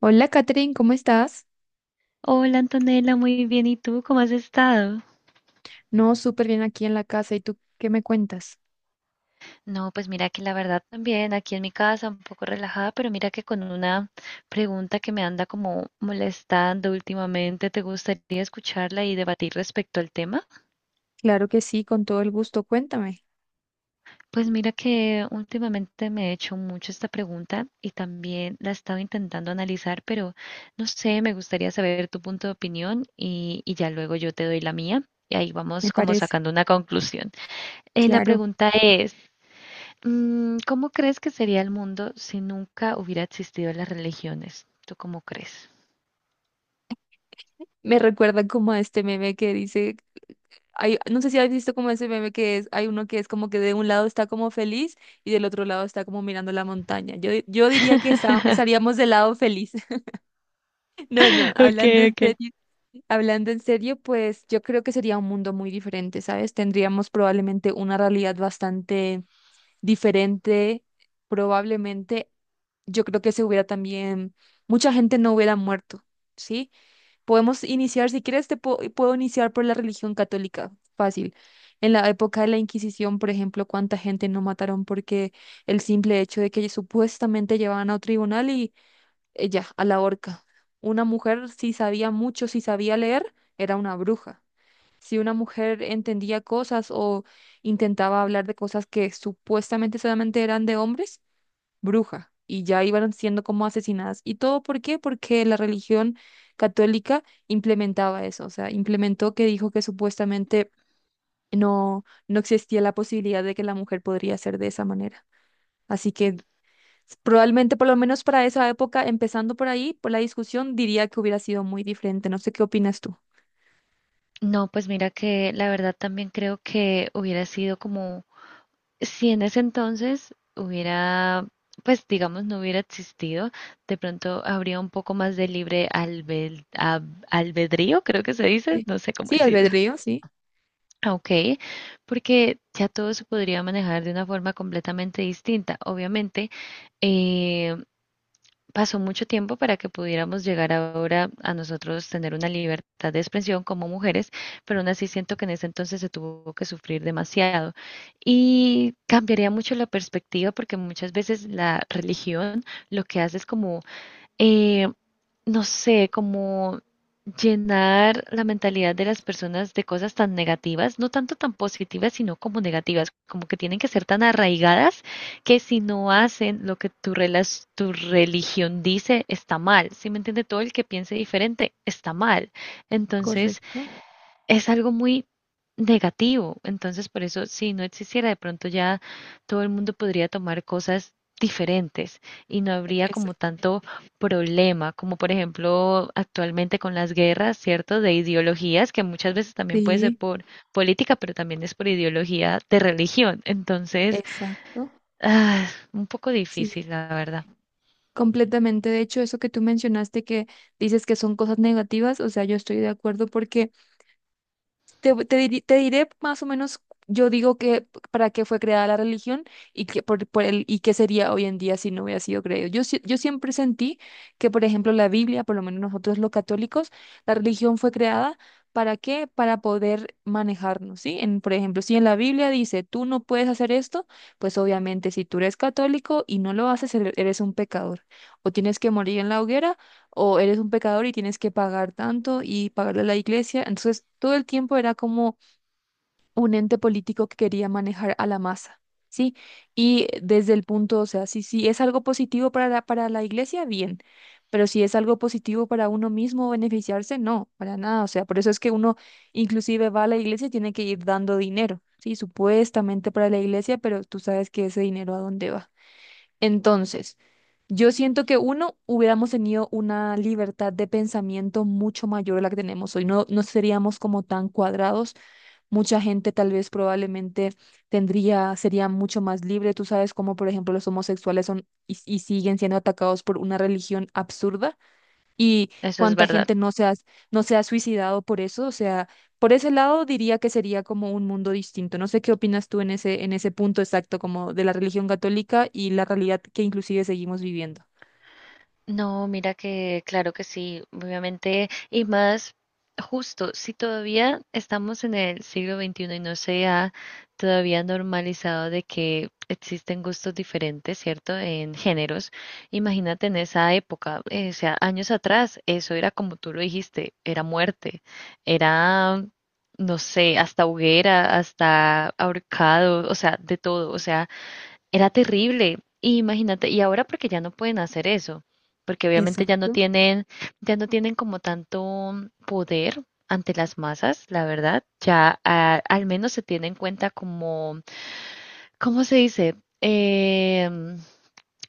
Hola, Catherine, ¿cómo estás? Hola Antonella, muy bien. ¿Y tú cómo has estado? No, súper bien aquí en la casa. ¿Y tú qué me cuentas? No, pues mira que la verdad también aquí en mi casa un poco relajada, pero mira que con una pregunta que me anda como molestando últimamente, ¿te gustaría escucharla y debatir respecto al tema? Claro que sí, con todo el gusto. Cuéntame, Pues mira que últimamente me he hecho mucho esta pregunta y también la he estado intentando analizar, pero no sé, me gustaría saber tu punto de opinión y ya luego yo te doy la mía. Y ahí me vamos como parece. sacando una conclusión. La Claro. pregunta es, ¿cómo crees que sería el mundo si nunca hubiera existido las religiones? ¿Tú cómo crees? Me recuerda como a este meme que dice, hay, no sé si has visto como ese meme que es, hay uno que es como que de un lado está como feliz y del otro lado está como mirando la montaña. Yo diría que estaríamos del lado feliz. No, no, hablando Okay, en okay. serio. Hablando en serio, pues yo creo que sería un mundo muy diferente, ¿sabes? Tendríamos probablemente una realidad bastante diferente, probablemente yo creo que se hubiera también, mucha gente no hubiera muerto, ¿sí? Podemos iniciar, si quieres, puedo iniciar por la religión católica, fácil. En la época de la Inquisición, por ejemplo, cuánta gente no mataron porque el simple hecho de que supuestamente llevaban a un tribunal y ya, a la horca. Una mujer, si sabía mucho, si sabía leer, era una bruja si una mujer entendía cosas o intentaba hablar de cosas que supuestamente solamente eran de hombres, bruja, y ya iban siendo como asesinadas. ¿Y todo por qué? Porque la religión católica implementaba eso, o sea, implementó que dijo que supuestamente no existía la posibilidad de que la mujer podría ser de esa manera. Así que probablemente, por lo menos para esa época, empezando por ahí, por la discusión, diría que hubiera sido muy diferente. No sé qué opinas tú. No, pues mira que la verdad también creo que hubiera sido como si en ese entonces hubiera, pues digamos, no hubiera existido, de pronto habría un poco más de libre albedrío, creo que se dice, Sí, no sé cómo sí, decirlo. albedrío, sí, Ah, ok, porque ya todo se podría manejar de una forma completamente distinta. Obviamente, eh, pasó mucho tiempo para que pudiéramos llegar ahora a nosotros tener una libertad de expresión como mujeres, pero aún así siento que en ese entonces se tuvo que sufrir demasiado. Y cambiaría mucho la perspectiva porque muchas veces la religión lo que hace es como eh, no sé, como llenar la mentalidad de las personas de cosas tan negativas, no tanto tan positivas, sino como negativas, como que tienen que ser tan arraigadas que si no hacen lo que tu religión dice, está mal. ¿Si me entiende? Todo el que piense diferente está mal. Entonces, correcto. es algo muy negativo. Entonces, por eso, si no existiera, de pronto ya todo el mundo podría tomar cosas diferentes y no habría como Exacto. tanto problema, como por ejemplo actualmente con las guerras, ¿cierto? De ideologías, que muchas veces también puede ser Sí, por política, pero también es por ideología de religión. Entonces, exacto. ah, un poco Sí, difícil, la verdad. completamente. De hecho, eso que tú mencionaste que dices que son cosas negativas, o sea, yo estoy de acuerdo porque te diré más o menos, yo digo que para qué fue creada la religión y que por el, y qué sería hoy en día si no hubiera sido creado. Yo siempre sentí que, por ejemplo, la Biblia, por lo menos nosotros los católicos, la religión fue creada para qué, para poder manejarnos, ¿sí? En, por ejemplo, si en la Biblia dice, tú no puedes hacer esto, pues obviamente si tú eres católico y no lo haces, eres un pecador. O tienes que morir en la hoguera o eres un pecador y tienes que pagar tanto y pagarle a la iglesia. Entonces, todo el tiempo era como un ente político que quería manejar a la masa, ¿sí? Y desde el punto, o sea, si es algo positivo para la iglesia, bien, pero si es algo positivo para uno mismo beneficiarse, no, para nada. O sea, por eso es que uno inclusive va a la iglesia y tiene que ir dando dinero, ¿sí? Supuestamente para la iglesia, pero tú sabes que ese dinero a dónde va. Entonces... Yo siento que uno hubiéramos tenido una libertad de pensamiento mucho mayor a la que tenemos hoy. No, no seríamos como tan cuadrados. Mucha gente tal vez probablemente tendría, sería mucho más libre. Tú sabes cómo, por ejemplo, los homosexuales son y siguen siendo atacados por una religión absurda y Eso es cuánta verdad. gente no se ha suicidado por eso. O sea, por ese lado diría que sería como un mundo distinto. No sé qué opinas tú en ese punto exacto como de la religión católica y la realidad que inclusive seguimos viviendo. No, mira que claro que sí, obviamente, y más justo, si todavía estamos en el siglo XXI y no se ha todavía normalizado de que existen gustos diferentes, ¿cierto? En géneros, imagínate en esa época, o sea, años atrás, eso era como tú lo dijiste, era muerte, era, no sé, hasta hoguera, hasta ahorcado, o sea, de todo, o sea era terrible. Y imagínate, y ahora porque ya no pueden hacer eso, porque obviamente Exacto. Ya no tienen como tanto poder ante las masas, la verdad. Ya al menos se tiene en cuenta como, ¿cómo se dice?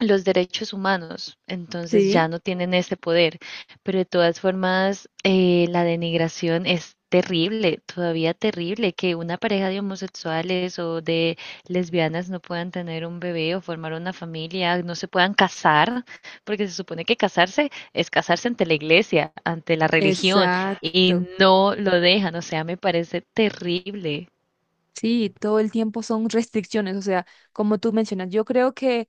Los derechos humanos, entonces ya Sí. no tienen ese poder. Pero de todas formas, la denigración es terrible, todavía terrible, que una pareja de homosexuales o de lesbianas no puedan tener un bebé o formar una familia, no se puedan casar, porque se supone que casarse es casarse ante la iglesia, ante la religión, y Exacto. no lo dejan, o sea, me parece terrible. Sí, todo el tiempo son restricciones, o sea, como tú mencionas, yo creo que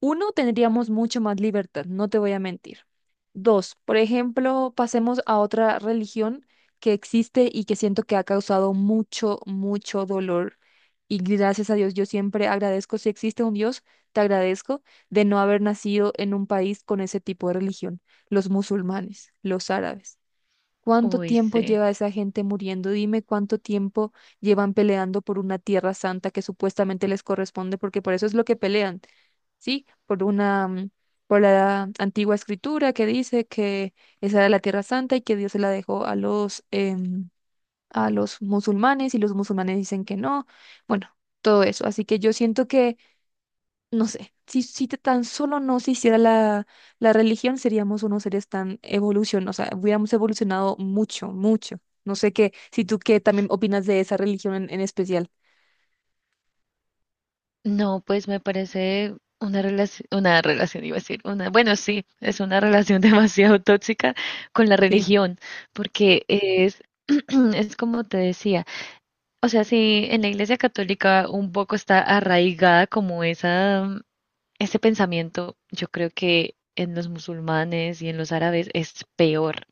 uno, tendríamos mucho más libertad, no te voy a mentir. Dos, por ejemplo, pasemos a otra religión que existe y que siento que ha causado mucho, mucho dolor. Y gracias a Dios, yo siempre agradezco, si existe un Dios, te agradezco de no haber nacido en un país con ese tipo de religión, los musulmanes, los árabes. ¿Cuánto Uy, tiempo sí. lleva esa gente muriendo? Dime cuánto tiempo llevan peleando por una tierra santa que supuestamente les corresponde, porque por eso es lo que pelean, ¿sí? Por la antigua escritura que dice que esa era la tierra santa y que Dios se la dejó a los musulmanes y los musulmanes dicen que no. Bueno, todo eso. Así que yo siento que no sé, si tan solo no se hiciera la religión, seríamos unos seres tan evolución, o sea, hubiéramos evolucionado mucho, mucho. No sé qué, si tú qué también opinas de esa religión en especial. No, pues me parece una relación, iba a decir, una, bueno, sí, es una relación demasiado tóxica con la Sí. religión, porque es, es como te decía, o sea, si en la Iglesia Católica un poco está arraigada como esa, ese pensamiento, yo creo que en los musulmanes y en los árabes es peor,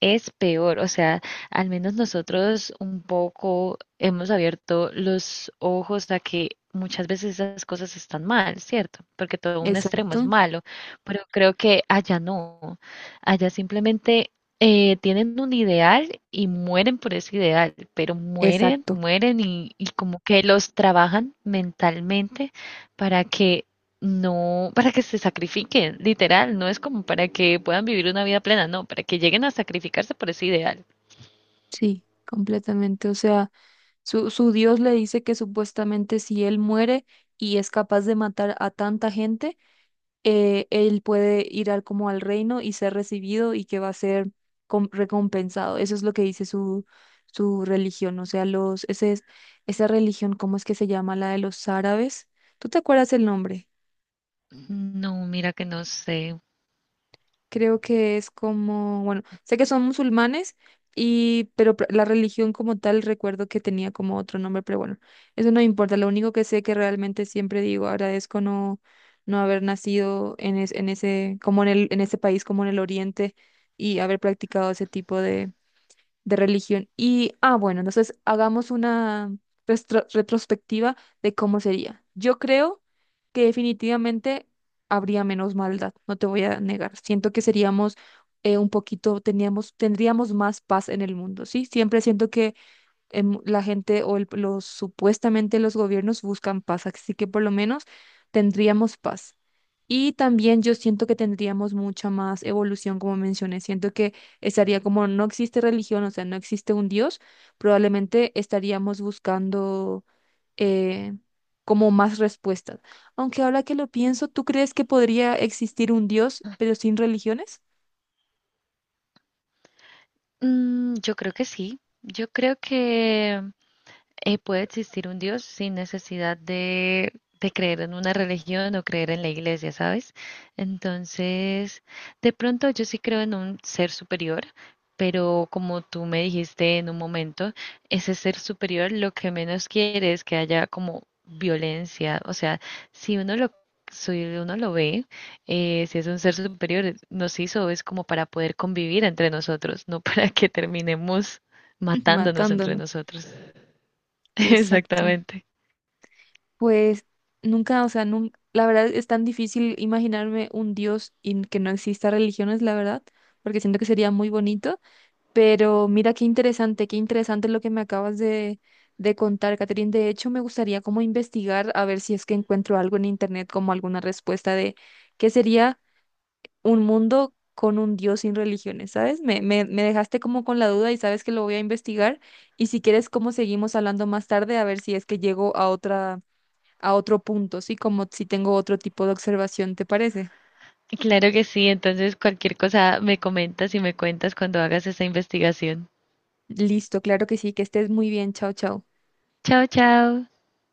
es peor. O sea, al menos nosotros un poco hemos abierto los ojos a que muchas veces esas cosas están mal, ¿cierto? Porque todo un extremo es Exacto, malo, pero creo que allá no. Allá simplemente tienen un ideal y mueren por ese ideal, pero mueren, exacto, mueren y como que los trabajan mentalmente para que no, para que se sacrifiquen, literal, no es como para que puedan vivir una vida plena, no, para que lleguen a sacrificarse por ese ideal. sí, completamente. O sea, su Dios le dice que supuestamente si él muere y es capaz de matar a tanta gente, él puede ir al, como al reino y ser recibido y que va a ser recompensado. Eso es lo que dice su religión. O sea, esa religión, ¿cómo es que se llama? La de los árabes. ¿Tú te acuerdas el nombre? No, mira que no sé. Creo que es como, bueno, sé que son musulmanes, pero la religión como tal recuerdo que tenía como otro nombre, pero bueno, eso no importa. Lo único que sé que realmente siempre digo, agradezco no haber nacido en ese como en ese país como en el Oriente y haber practicado ese tipo de religión. Y, bueno, entonces hagamos una retrospectiva de cómo sería. Yo creo que definitivamente habría menos maldad, no te voy a negar. Siento que seríamos un poquito, tendríamos más paz en el mundo, ¿sí? Siempre siento que la gente o el- los supuestamente los gobiernos buscan paz, así que por lo menos tendríamos paz. Y también yo siento que tendríamos mucha más evolución, como mencioné. Siento que estaría como no existe religión, o sea, no existe un Dios, probablemente estaríamos buscando eh, como más respuestas. Aunque ahora que lo pienso, ¿tú crees que podría existir un Dios, pero sin religiones? Mm, yo creo que sí, yo creo que puede existir un Dios sin necesidad de creer en una religión o creer en la iglesia, ¿sabes? Entonces, de pronto yo sí creo en un ser superior, pero como tú me dijiste en un momento, ese ser superior lo que menos quiere es que haya como violencia, o sea, si uno lo si uno lo ve, si es un ser superior, nos hizo es como para poder convivir entre nosotros, no para que terminemos matándonos entre Matándonos. nosotros. Exacto. Exactamente. Pues nunca, o sea, la verdad es tan difícil imaginarme un Dios y que no exista religiones, la verdad, porque siento que sería muy bonito. Pero mira qué interesante lo que me acabas de contar, Catherine. De hecho, me gustaría como investigar a ver si es que encuentro algo en internet, como alguna respuesta de qué sería un mundo con un Dios sin religiones, ¿sabes? Me dejaste como con la duda y sabes que lo voy a investigar. Y si quieres, como seguimos hablando más tarde, a ver si es que llego a otro punto, ¿sí? Como si tengo otro tipo de observación, ¿te parece? Claro que sí, entonces cualquier cosa me comentas y me cuentas cuando hagas esa investigación. Listo, claro que sí, que estés muy bien, chao, chao. Chao, chao.